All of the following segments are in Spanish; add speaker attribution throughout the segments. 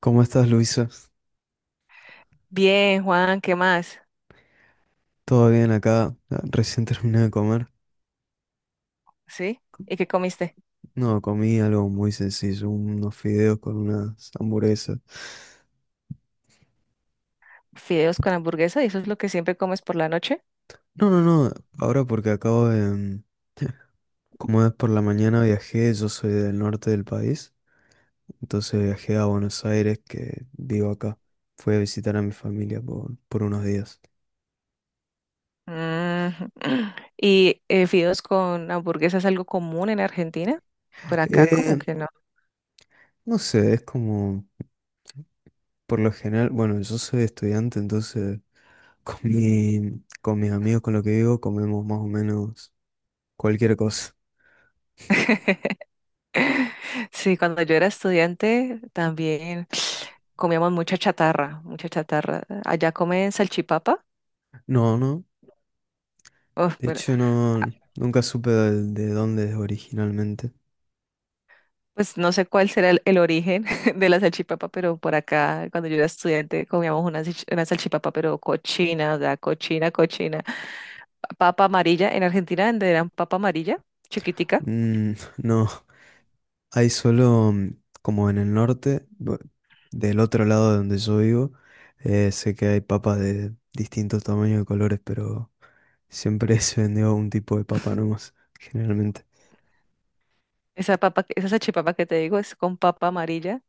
Speaker 1: ¿Cómo estás, Luisa?
Speaker 2: Bien, Juan, ¿qué más?
Speaker 1: ¿Todo bien acá? Ah, recién terminé de comer.
Speaker 2: ¿Sí? ¿Y qué comiste?
Speaker 1: No, comí algo muy sencillo, unos fideos con unas hamburguesas.
Speaker 2: Fideos con hamburguesa, ¿y eso es lo que siempre comes por la noche?
Speaker 1: No, ahora porque acabo de... como es por la mañana viajé, yo soy del norte del país, entonces viajé a Buenos Aires, que vivo acá. Fui a visitar a mi familia por unos días.
Speaker 2: Mm, ¿Y fideos con hamburguesa es algo común en Argentina? Por acá como
Speaker 1: Eh,
Speaker 2: que no.
Speaker 1: no sé, es como, por lo general, bueno, yo soy estudiante, entonces con mis amigos con los que vivo comemos más o menos cualquier cosa.
Speaker 2: Sí, cuando yo era estudiante también comíamos mucha chatarra, mucha chatarra. ¿Allá comen salchipapa?
Speaker 1: No, no.
Speaker 2: Uf,
Speaker 1: De
Speaker 2: pero
Speaker 1: hecho, no, nunca supe de dónde es originalmente.
Speaker 2: pues no sé cuál será el origen de la salchipapa, pero por acá, cuando yo era estudiante, comíamos una, una salchipapa, pero cochina, o sea, cochina, cochina. Papa amarilla, en Argentina donde eran papa amarilla, chiquitica.
Speaker 1: Mm, no, hay solo como en el norte, del otro lado de donde yo vivo, sé que hay papas de distintos tamaños y colores, pero siempre se vendió un tipo de papa nomás, generalmente.
Speaker 2: Esa papa, esa salchipapa que te digo es con papa amarilla.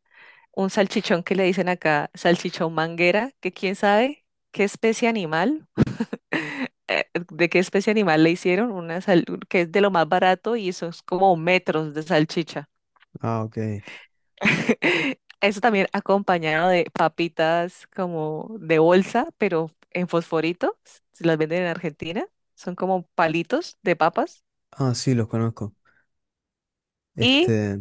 Speaker 2: Un salchichón que le dicen acá, salchichón manguera, que quién sabe qué especie animal, eh, de qué especie animal le hicieron, que es de lo más barato y eso es como metros de salchicha.
Speaker 1: Ah, ok.
Speaker 2: Eso también acompañado de papitas como de bolsa, pero en fosforito, se las venden en Argentina, son como palitos de papas
Speaker 1: Ah, sí, los conozco.
Speaker 2: y,
Speaker 1: Este,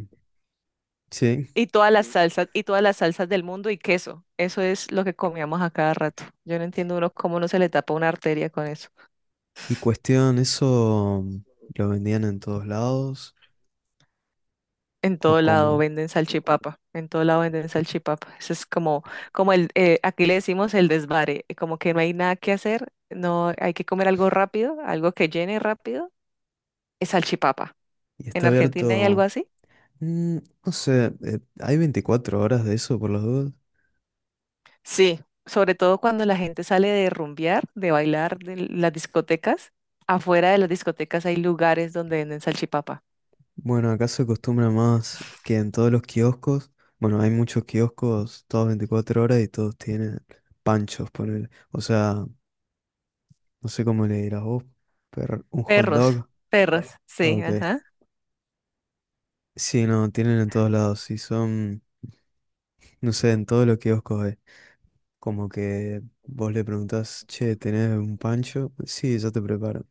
Speaker 1: sí.
Speaker 2: y todas las salsas, y todas las salsas del mundo y queso. Eso es lo que comíamos a cada rato. Yo no entiendo uno cómo no se le tapa una arteria con eso.
Speaker 1: Y cuestión, ¿eso lo vendían en todos lados
Speaker 2: En
Speaker 1: o
Speaker 2: todo lado
Speaker 1: cómo?
Speaker 2: venden salchipapa, en todo lado venden salchipapa. Eso es como, como el, aquí le decimos el desvare, como que no hay nada que hacer, no hay que comer algo rápido, algo que llene rápido es salchipapa.
Speaker 1: ¿Y
Speaker 2: ¿En
Speaker 1: está
Speaker 2: Argentina hay algo
Speaker 1: abierto?
Speaker 2: así?
Speaker 1: Mm, no sé, ¿hay 24 horas de eso por las dudas?
Speaker 2: Sí, sobre todo cuando la gente sale de rumbear, de bailar, de las discotecas. Afuera de las discotecas hay lugares donde venden salchipapa.
Speaker 1: Bueno, acá se acostumbra más que en todos los kioscos. Bueno, hay muchos kioscos, todos 24 horas, y todos tienen panchos, ponele. O sea, no sé cómo le dirás vos, pero un hot
Speaker 2: Perros,
Speaker 1: dog.
Speaker 2: perros, sí,
Speaker 1: Ok.
Speaker 2: ajá.
Speaker 1: Sí, no, tienen en todos lados. Y son, no sé, en todos los kioscos es como que vos le preguntás, che, ¿tenés un pancho? Sí, ya te preparo.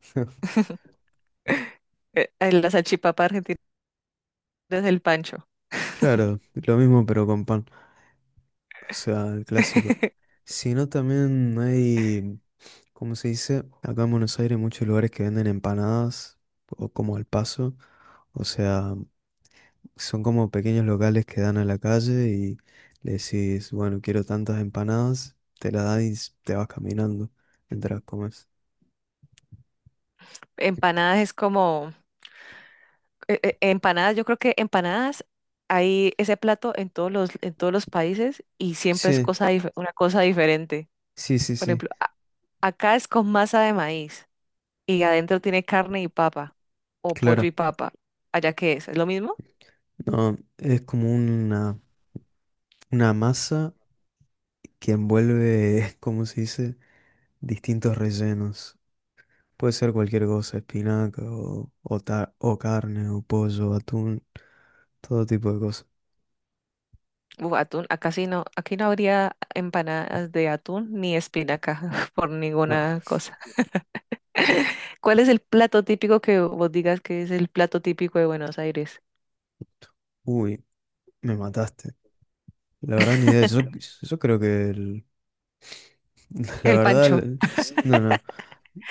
Speaker 2: La salchipapa argentina es el pancho.
Speaker 1: Claro, lo mismo pero con pan. O sea, el clásico. Sino también hay, ¿cómo se dice? Acá en Buenos Aires hay muchos lugares que venden empanadas, o como al paso. O sea, son como pequeños locales que dan a la calle y le decís, bueno, quiero tantas empanadas, te la dan y te vas caminando mientras comes.
Speaker 2: Empanadas es como, empanadas, yo creo que empanadas hay ese plato en en todos los países y siempre es
Speaker 1: Sí,
Speaker 2: cosa, una cosa diferente.
Speaker 1: sí, sí,
Speaker 2: Por
Speaker 1: sí,
Speaker 2: ejemplo, acá es con masa de maíz. Y adentro tiene carne y papa o pollo y
Speaker 1: claro.
Speaker 2: papa. ¿Allá qué es? ¿Es lo mismo?
Speaker 1: No, es como una masa que envuelve, ¿cómo se dice? Distintos rellenos. Puede ser cualquier cosa, espinaca o carne o pollo, atún, todo tipo de cosas.
Speaker 2: Uf, atún, acá sí no, aquí no habría empanadas de atún ni espinaca por
Speaker 1: Ah,
Speaker 2: ninguna cosa. ¿Cuál es el plato típico que vos digas que es el plato típico de Buenos Aires?
Speaker 1: uy, me mataste. La verdad ni idea. Yo creo que la
Speaker 2: El
Speaker 1: verdad,
Speaker 2: pancho,
Speaker 1: no, no.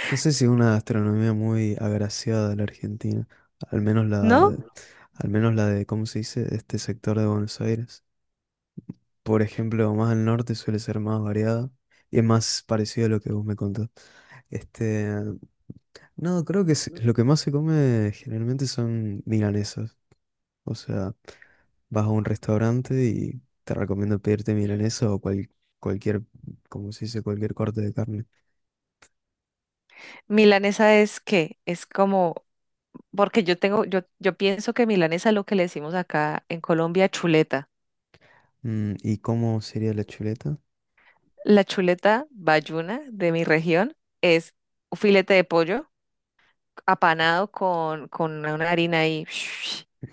Speaker 1: No sé si es una gastronomía muy agraciada de la Argentina. Al menos la
Speaker 2: ¿no?
Speaker 1: de, al menos la de, ¿cómo se dice? Este sector de Buenos Aires. Por ejemplo, más al norte suele ser más variada y es más parecido a lo que vos me contás. Este, no, creo que lo que más se come generalmente son milanesas. O sea, vas a un restaurante y te recomiendo pedirte milanesa cualquier, como se dice, cualquier corte de carne.
Speaker 2: Milanesa es qué, es como, porque yo tengo, yo pienso que milanesa es lo que le decimos acá en Colombia, chuleta.
Speaker 1: Mm, ¿y cómo sería la chuleta?
Speaker 2: La chuleta bayuna de mi región es un filete de pollo apanado con una harina y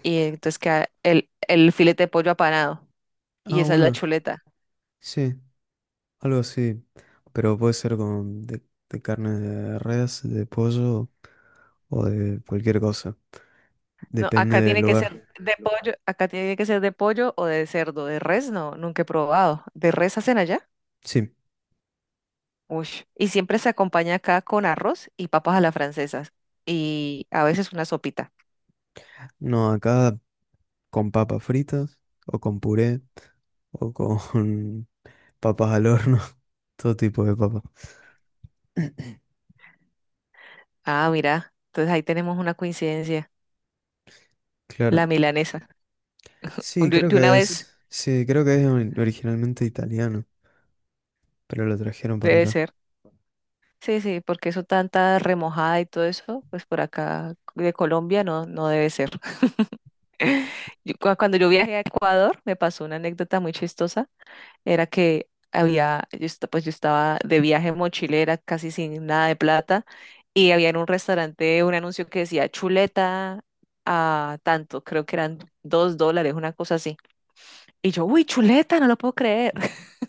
Speaker 2: Y entonces queda el filete de pollo apanado. Y
Speaker 1: Ah,
Speaker 2: esa es la
Speaker 1: bueno,
Speaker 2: chuleta.
Speaker 1: sí, algo así. Pero puede ser con de carne de res, de pollo o de cualquier cosa.
Speaker 2: No,
Speaker 1: Depende
Speaker 2: acá
Speaker 1: del
Speaker 2: tiene que ser
Speaker 1: lugar.
Speaker 2: de pollo, acá tiene que ser de pollo o de cerdo, de res, no, nunca he probado. ¿De res hacen allá?
Speaker 1: Sí,
Speaker 2: Uy. Y siempre se acompaña acá con arroz y papas a la francesa y a veces una sopita.
Speaker 1: no, acá con papas fritas o con puré o con papas al horno, todo tipo de papas.
Speaker 2: Ah, mira. Entonces ahí tenemos una coincidencia.
Speaker 1: Claro.
Speaker 2: La milanesa.
Speaker 1: Sí,
Speaker 2: De,
Speaker 1: creo
Speaker 2: de una
Speaker 1: que
Speaker 2: vez
Speaker 1: es. Sí, creo que es originalmente italiano, pero lo trajeron para
Speaker 2: debe
Speaker 1: acá.
Speaker 2: ser. Sí, sí, porque eso tanta remojada y todo eso, pues por acá de Colombia no, no debe ser. Yo cuando yo viajé a Ecuador, me pasó una anécdota muy chistosa. Era que había, yo, pues yo estaba de viaje en mochilera, casi sin nada de plata, y había en un restaurante un anuncio que decía chuleta a tanto, creo que eran 2 dólares, una cosa así. Y yo, uy, chuleta, no lo puedo creer.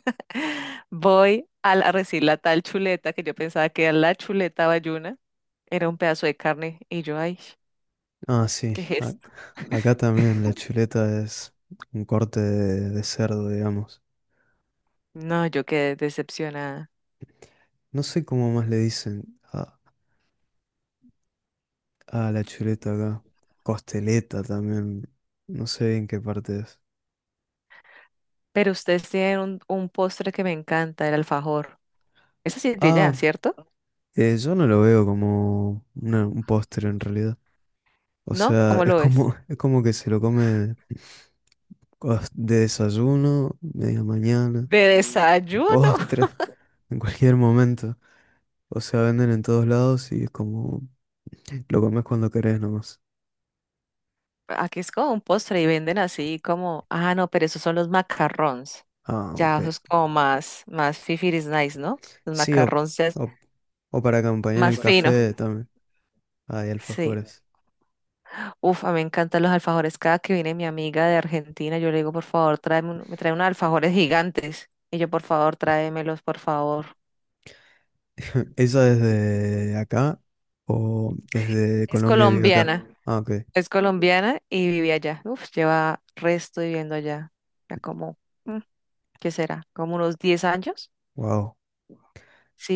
Speaker 2: Voy a, a recibir la tal chuleta que yo pensaba que era la chuleta bayuna, era un pedazo de carne y yo, ay,
Speaker 1: Ah, sí.
Speaker 2: ¿qué es esto?
Speaker 1: Acá también la chuleta es un corte de cerdo, digamos.
Speaker 2: No, yo quedé decepcionada.
Speaker 1: No sé cómo más le dicen a la chuleta acá. Costeleta también. No sé en qué parte es.
Speaker 2: Pero ustedes tienen un postre que me encanta, el alfajor. Esa sí es de ya,
Speaker 1: Ah,
Speaker 2: ¿cierto?
Speaker 1: yo no lo veo como un postre en realidad. O
Speaker 2: ¿No?
Speaker 1: sea,
Speaker 2: ¿Cómo
Speaker 1: es
Speaker 2: lo ves?
Speaker 1: como, es como que se lo come. De desayuno, media mañana,
Speaker 2: De desayuno.
Speaker 1: postre, en cualquier momento. O sea, venden en todos lados y es como lo comes cuando querés nomás.
Speaker 2: Aquí es como un postre y venden así como, ah, no, pero esos son los macarrons.
Speaker 1: Ah,
Speaker 2: Ya,
Speaker 1: ok.
Speaker 2: eso es como más, más fifiris nice, ¿no? Los
Speaker 1: Sí,
Speaker 2: macarrons ya es sí,
Speaker 1: o, o para acompañar
Speaker 2: más
Speaker 1: el
Speaker 2: fino.
Speaker 1: café también. Hay
Speaker 2: Sí.
Speaker 1: alfajores.
Speaker 2: Uf, a mí me encantan los alfajores. Cada que viene mi amiga de Argentina, yo le digo, por favor, me trae unos alfajores gigantes. Y yo, por favor, tráemelos, por favor.
Speaker 1: ¿Esa es de acá o es de
Speaker 2: Es
Speaker 1: Colombia y vive acá?
Speaker 2: colombiana,
Speaker 1: Ah, ok.
Speaker 2: es colombiana y vive allá. Uf, lleva resto viviendo allá. Ya como, mm, ¿qué será? ¿Como unos 10 años?
Speaker 1: Wow.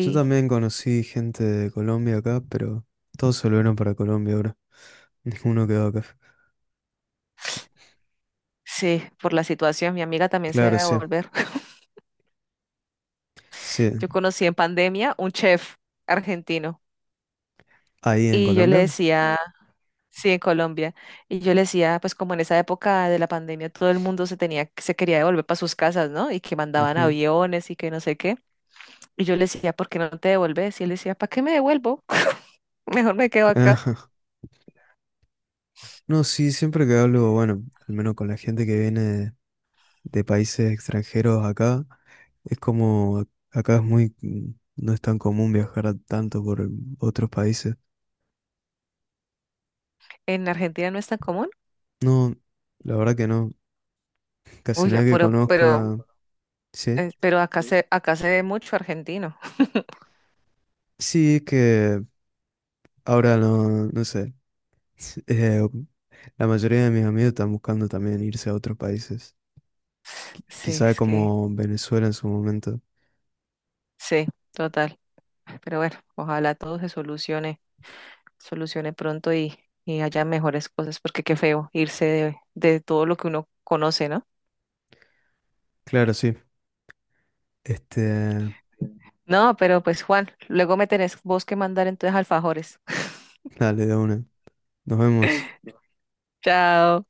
Speaker 1: Yo también conocí gente de Colombia acá, pero todos se volvieron para Colombia ahora. Ninguno quedó acá.
Speaker 2: sí, por la situación. Mi amiga también se
Speaker 1: Claro,
Speaker 2: va a
Speaker 1: sí.
Speaker 2: volver.
Speaker 1: Sí,
Speaker 2: Yo conocí en pandemia un chef argentino
Speaker 1: ahí en
Speaker 2: y yo le
Speaker 1: Colombia.
Speaker 2: decía sí, en Colombia. Y yo le decía, pues como en esa época de la pandemia todo el mundo se tenía, se quería devolver para sus casas, ¿no? Y que mandaban
Speaker 1: Ujú.
Speaker 2: aviones y que no sé qué. Y yo le decía, ¿por qué no te devuelves? Y él decía, ¿para qué me devuelvo? Mejor me quedo acá.
Speaker 1: Ajá. No, sí, siempre que hablo, bueno, al menos con la gente que viene de países extranjeros acá, es como acá es muy, no es tan común viajar tanto por otros países.
Speaker 2: En Argentina no es tan común.
Speaker 1: No, la verdad que no, casi
Speaker 2: Uy, ya,
Speaker 1: nadie que conozco, ah, sí,
Speaker 2: pero acá acá se ve mucho argentino.
Speaker 1: sí es que ahora no, no sé, eh, la mayoría de mis amigos están buscando también irse a otros países,
Speaker 2: Sí,
Speaker 1: quizá
Speaker 2: es que,
Speaker 1: como Venezuela en su momento.
Speaker 2: sí, total. Pero bueno, ojalá todo se solucione, solucione pronto y haya mejores cosas, porque qué feo irse de todo lo que uno conoce, ¿no?
Speaker 1: Claro, sí. Este,
Speaker 2: No, pero pues Juan, luego me tenés vos que mandar entonces alfajores.
Speaker 1: dale, de una. Nos vemos.
Speaker 2: Chao.